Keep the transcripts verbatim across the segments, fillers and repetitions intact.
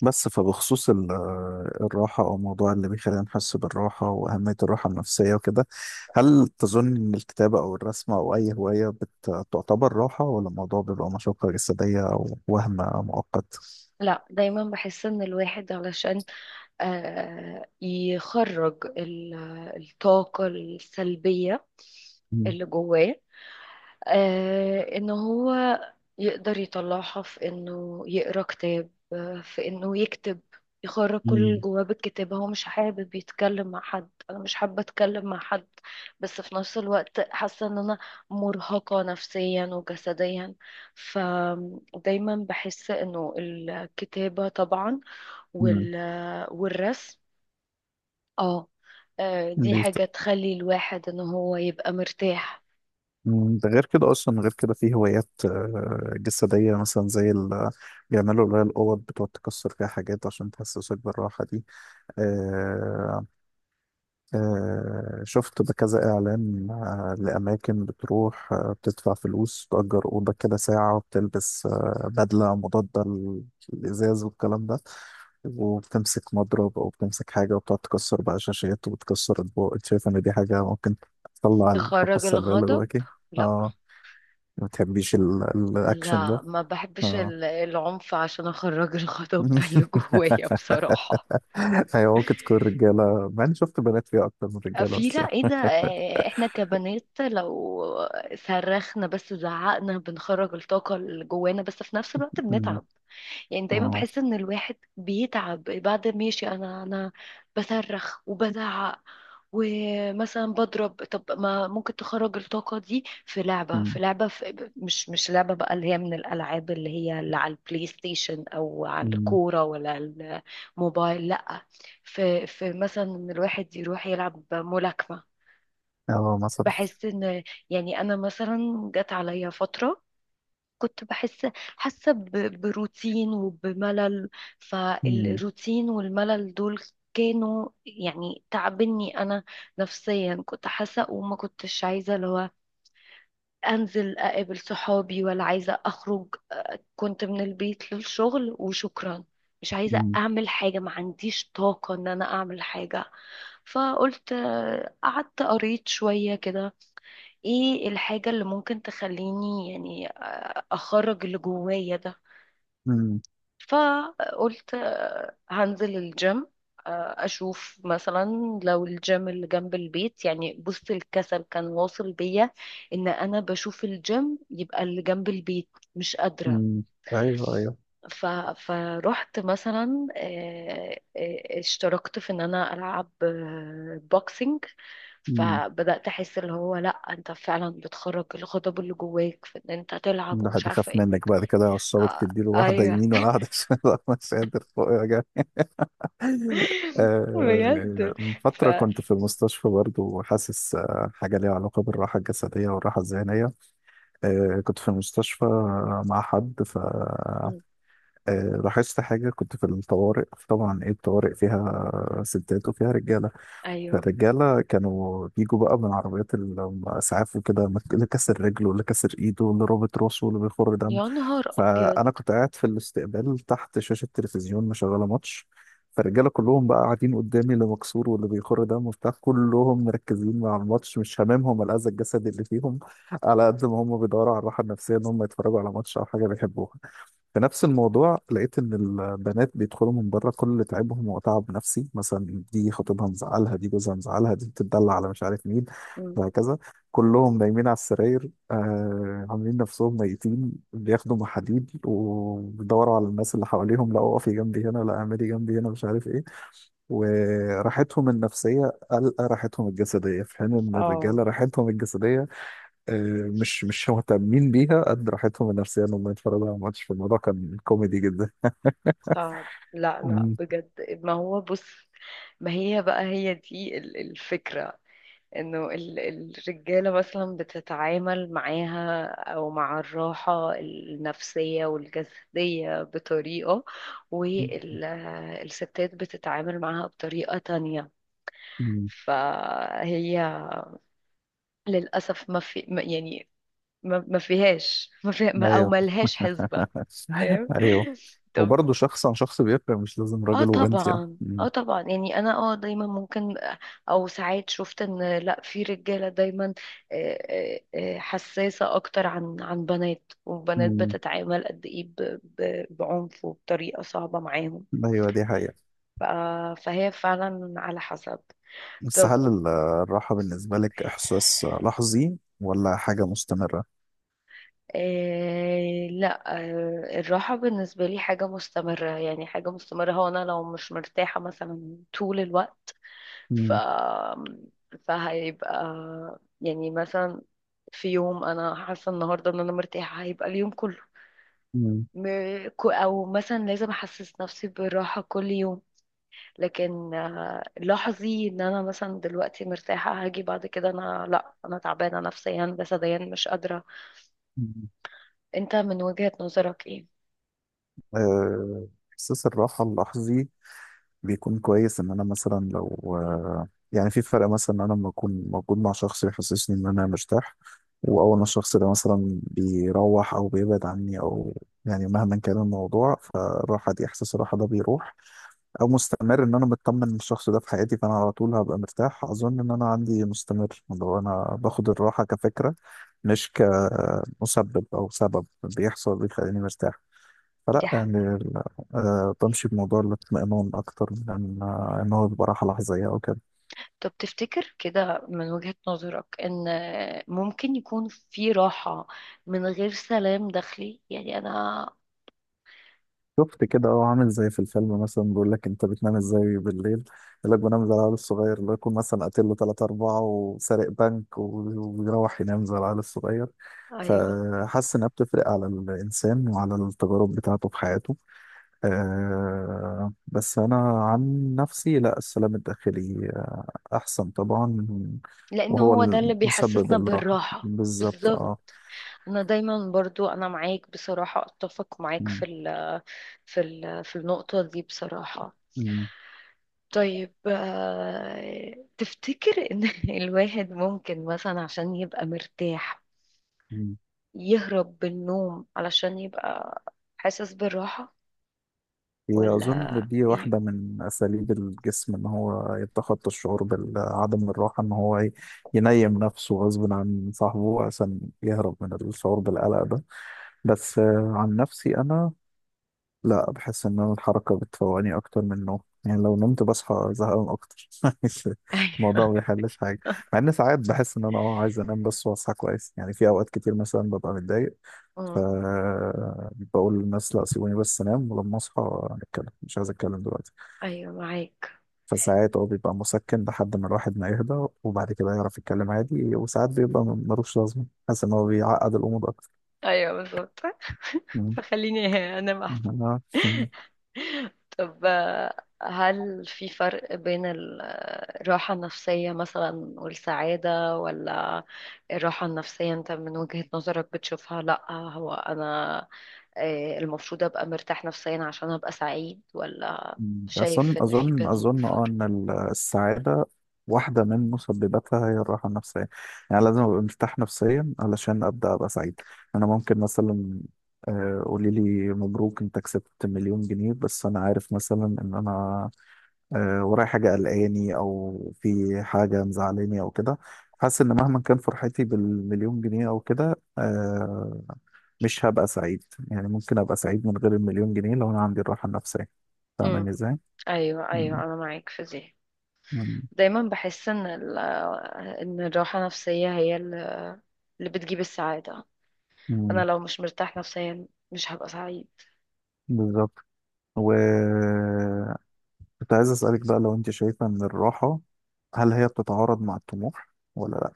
بس فبخصوص ال- آه، الراحة أو موضوع اللي بيخلينا نحس بالراحة وأهمية الراحة النفسية وكده. هل تظن إن الكتابة أو الرسم أو أي هواية بت- تعتبر راحة ولا الموضوع بيبقى مشقة جسدية أو وهم مؤقت؟ لا، دايما بحس ان الواحد علشان آه، يخرج ال- الطاقة السلبية مم. اللي جواه، آه ان هو يقدر يطلعها في انه يقرا كتاب، آه، في انه يكتب. يخرج كل اللي مم. جواه بالكتابة. هو مش حابب يتكلم مع حد، انا مش حابة اتكلم مع حد، بس في نفس الوقت حاسة ان انا مرهقة نفسيا وجسديا. فدايما بحس انه الكتابة طبعا مم. وال... والرسم، اه آه، دي ليه ت- حاجة تخلي الواحد ان هو يبقى مرتاح. مم. ده غير كده أصلا غير كده في هوايات آه، جسدية مثلا زي ال بيعملوا اللي هي الأوض بتقعد تكسر فيها حاجات عشان تحسسك بالراحة دي. آه، شفت بكذا إعلان آه، لأماكن بتروح آه، بتدفع فلوس تأجر أوضة كده ساعة وبتلبس آه، بدلة مضادة للإزاز والكلام ده. وبتمسك مضرب أو بتمسك حاجة وبتقعد تكسر بقى شاشات وبتكسر أطباق. أنت شايف إن دي حاجة ممكن تطلع الطاقة تخرج السلبية اللي الغضب. جواكي؟ لا، آه. ما بتحبيش ال- الأكشن لا، ده؟ ما بحبش آه. ال- العنف عشان اخرج الغضب اللي جوايا بصراحة. أيوة ممكن تكون رجالة مع إني شفت بنات فيها أكتر من رجالة في بس لا ايه يعني. ده، آه، احنا كبنات لو صرخنا بس زعقنا بنخرج الطاقة اللي جوانا، بس في نفس الوقت مم. بنتعب. يعني دايما آه. بحس ان الواحد بيتعب بعد ما ماشي. انا انا بصرخ وبزعق ومثلا بضرب. طب ما ممكن تخرج الطاقة دي في لعبة في لعبة، في مش مش لعبة بقى، اللي هي من الألعاب اللي هي اللي على البلاي ستيشن أو على مم. الكورة ولا على الموبايل. لأ، في في مثلا إن الواحد يروح يلعب ملاكمة. اه مثلا. بحس إن، يعني أنا مثلا جت عليا فترة كنت بحس، حاسة ب- بروتين وبملل. مم، فالروتين والملل دول كانوا يعني تعبني أنا نفسيا. كنت حاسة وما كنتش عايزة اللي هو أنزل أقابل صحابي ولا عايزة أخرج. كنت من البيت للشغل وشكرا. مش عايزة مم، أعمل حاجة، ما عنديش طاقة إن أنا أعمل حاجة. فقلت، آه، قعدت قريت شوية كده، ايه الحاجة اللي ممكن تخليني يعني آه، اخرج اللي جوايا ده. مم، فقلت آه، هنزل الجيم، آه، اشوف مثلا لو الجيم اللي جنب البيت. يعني بص، الكسل كان واصل بيا ان انا بشوف الجيم يبقى اللي جنب البيت مش قادرة. مم. ايوه ايوه. ف... فرحت مثلا، آه، آه، اشتركت في ان انا العب آه، بوكسينج. مم. فبدأت احس اللي هو لا انت فعلا بتخرج الغضب اللي جواك في ان انت تلعب ومش الواحد عارفة يخاف ايه. منك بعد كده عصابة آه، تديله واحدة ايوه، يمين ولا واحدة شمال. والله مش قادر فوق يا جماعة. آه، بجد. من ف فترة كنت في المستشفى برضو وحاسس آه، حاجة ليها علاقة بالراحة الجسدية والراحة الذهنية. آه، كنت في المستشفى آه، مع حد. ف مم. آه، لاحظت حاجة. كنت في الطوارئ طبعا. ايه الطوارئ فيها؟ آه، ستات وفيها رجالة. ايوه. الرجالة كانوا بيجوا بقى من عربيات الإسعاف وكده مك- اللي كسر رجله واللي كسر إيده واللي رابط راسه واللي بيخر دم. يا نهار ابيض. فأنا كنت قاعد في الاستقبال تحت شاشة تلفزيون مشغلة ماتش. فالرجالة كلهم بقى قاعدين قدامي اللي مكسور واللي بيخر دم وبتاع كلهم مركزين مع الماتش مش هاممهم الأذى الجسدي اللي فيهم على قد ما هم بيدوروا على الراحة النفسية إن هم يتفرجوا على ماتش أو حاجة بيحبوها. في نفس الموضوع لقيت ان البنات بيدخلوا من بره كل تعبهم وتعب نفسي مثلا دي خطيبها مزعلها دي جوزها مزعلها دي بتدلع على مش عارف مين مم. وهكذا. كلهم نايمين على السراير آه عاملين نفسهم ميتين بياخدوا محاليل وبيدوروا على الناس اللي حواليهم لا اقفي جنبي هنا لا اعملي جنبي هنا مش عارف ايه. وراحتهم النفسيه قلقه راحتهم الجسديه في حين ان اه، الرجاله راحتهم الجسديه آه، مش مش مهتمين بيها قد راحتهم النفسية انهم يتفرجوا على ماتش. في الموضوع كان كوميدي جدا. صعب. لا، لا، مم. بجد. ما هو بص، ما هي بقى هي دي ال- الفكرة، انه ال- الرجالة مثلا بتتعامل معاها او مع الراحة النفسية والجسدية بطريقة، والستات بتتعامل معاها بطريقة تانية. مم. فهي للأسف ما في ما- يعني ما ما فيهاش، ما فيها ما، او ايوه. ملهاش حسبة. فاهم؟ ايوه. طب. وبرضه شخص عن شخص بيفرق مش لازم اه راجل وبنت يعني. طبعا، مم. اه طبعا، يعني انا اه دايما ممكن، او ساعات شفت ان لا في رجالة دايما آه، آه، آه، حساسة اكتر عن عن بنات، والبنات مم. بتتعامل قد ايه ب- ب- بعنف وبطريقة صعبة معاهم. ايوه دي حقيقة. ف- فهي فعلا على حسب. بس طب، هل ال- الراحة بالنسبة لك احساس لحظي ولا حاجة مستمرة؟ آه لا، آه الراحة بالنسبة لي حاجة مستمرة. يعني حاجة مستمرة، هو أنا لو مش مرتاحة مثلا طول الوقت، ف مم. فهيبقى يعني مثلا في يوم أنا حاسة النهاردة إن أنا مرتاحة هيبقى اليوم كله. مم. م- كو- أو مثلا لازم أحسس نفسي بالراحة كل يوم، لكن آه، لاحظي إن أنا مثلا دلوقتي مرتاحة هاجي بعد كده أنا، لا أنا تعبانة نفسيا جسديا مش قادرة. مم. أنت من وجهة نظرك إيه؟ آه، احساس الراحة اللحظي بيكون كويس ان انا مثلا لو آه، يعني في فرق مثلا ان انا لما اكون موجود مع شخص يحسسني ان انا مرتاح. واول ما الشخص ده مثلا بيروح او بيبعد عني او يعني مهما كان الموضوع. فالراحه دي احساس الراحه ده بيروح او مستمر ان انا مطمن إن الشخص ده في حياتي فانا على طول هبقى مرتاح. اظن ان انا عندي مستمر لو انا باخد الراحه كفكره مش كمسبب او سبب بيحصل بيخليني مرتاح. دي فلا يعني حقيقة. ال- آه، بمشي بموضوع الاطمئنان أكتر من إن آه، إن هو بيبقى راحة لحظية أو كده. طب تفتكر كده من وجهة نظرك ان ممكن يكون في راحة من غير سلام داخلي، يعني انا. شفت كده. أه عامل زي في الفيلم مثلا بيقول لك أنت بتنام إزاي بالليل. يقول لك بنام زي العيال الصغير اللي يكون مثلا قاتل له تلاتة أربعة وسارق بنك و- وبيروح ينام زي العيال الصغير. ايوه. فحاسس إنها بتفرق على الإنسان وعلى التجارب بتاعته في حياته. أه بس أنا عن نفسي لا السلام الداخلي آه، أحسن طبعا. لان وهو هو ده اللي المسبب بيحسسنا الراحة بالراحة. بالظبط. بالظبط. اه. انا دايما برضو انا معاك بصراحة، اتفق معاك مم. في ال في ال في النقطة دي بصراحة. مم. طيب، آه، تفتكر ان الواحد ممكن مثلا عشان يبقى مرتاح مم. يهرب بالنوم علشان يبقى حاسس بالراحة، هي أظن ولا دي ايه؟ واحدة من أساليب الجسم إن هو يتخطى الشعور بعدم الراحة إن هو ي- ينيم نفسه غصب عن صاحبه عشان يهرب من الشعور بالقلق ده. بس آه، عن نفسي أنا لا بحس ان أنا الحركه بتفوقني اكتر من النوم. يعني لو نمت بصحى زهقان اكتر. ايوه الموضوع ما بيحلش حاجه. مع ان ساعات بحس ان انا اه عايز انام بس واصحى كويس يعني في اوقات كتير مثلا ببقى متضايق. ف أمم. بقول للناس لا سيبوني بس انام ولما اصحى نتكلم مش عايز اتكلم دلوقتي. ايوه، معاك. فساعات هو بيبقى مسكن لحد ما الواحد ما يهدى وبعد كده يعرف يتكلم عادي وساعات بيبقى ملوش لازمه حاسس ان هو بيعقد الامور اكتر. ايوه، بالظبط. مم. فخليني انام احسن. آه. طب آه، هل في فرق بين ال- آه، الراحة النفسية مثلا والسعادة، ولا الراحة النفسية انت من وجهة نظرك بتشوفها لا هو انا آه، المفروض ابقى مرتاح نفسيا عشان ابقى سعيد، ولا مم. أظن شايف ان في أظن بينهم أظن أه فرق؟ إن ال- السعادة واحدة من مسبباتها هي الراحة النفسية. يعني لازم أبقى مرتاح نفسيا علشان أبدأ أبقى سعيد. أنا ممكن مثلا آه، قولي لي مبروك أنت كسبت مليون جنيه بس أنا عارف مثلا إن أنا آه، ورايا حاجة قلقاني أو في حاجة مزعلاني أو كده. حاسس إن مهما كان فرحتي بالمليون جنيه أو كده آه، مش هبقى سعيد. يعني ممكن أبقى سعيد من غير المليون جنيه لو أنا عندي الراحة النفسية. فاهمة امم. إزاي؟ ايوه، مم. ايوه، انا معاك في دي. مم. دايما بحس ان ال- ان الراحة النفسية هي اللي بتجيب السعادة. مم. أنا لو مش مرتاح نفسيا مش هبقى سعيد. بالظبط. وكنت عايز أسألك بقى لو أنت شايفة إن الراحة هل هي بتتعارض مع الطموح ولا لأ.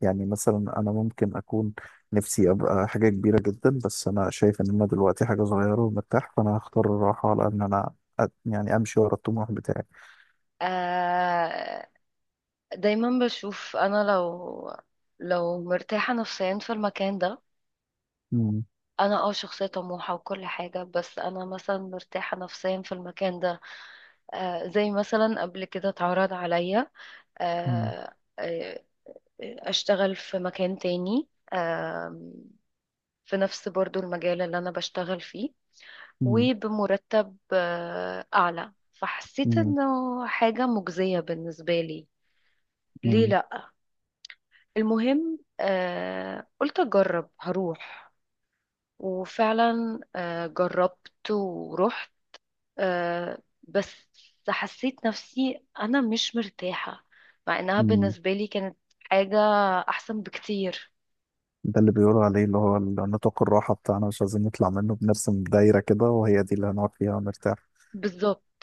يعني مثلا أنا ممكن أكون نفسي أبقى حاجة كبيرة جدا بس أنا شايف إن أنا دلوقتي حاجة صغيرة ومرتاح فأنا هختار الراحة على إن أنا أ- يعني أمشي ورا الطموح بتاعي. آه دايما بشوف أنا لو لو مرتاحة نفسيا في المكان ده، مم. أنا اه شخصية طموحة وكل حاجة، بس أنا مثلا مرتاحة نفسيا في المكان ده. آه زي مثلا قبل كده اتعرض عليا مم. آه آه، أشتغل في مكان تاني، آه في نفس برضو المجال اللي أنا بشتغل فيه مم. وبمرتب آه، أعلى، فحسيت مم. إنه حاجة مجزية بالنسبة لي. ليه مم. لأ؟ المهم آه، قلت أجرب هروح. وفعلا آه، جربت ورحت، آه، بس حسيت نفسي أنا مش مرتاحة، مع إنها مم. بالنسبة لي كانت حاجة أحسن بكتير. ده اللي بيقولوا عليه اللي هو نطاق الراحة بتاعنا مش عايزين نطلع منه بنرسم دايرة كده وهي دي اللي هنقعد فيها ونرتاح. بالظبط.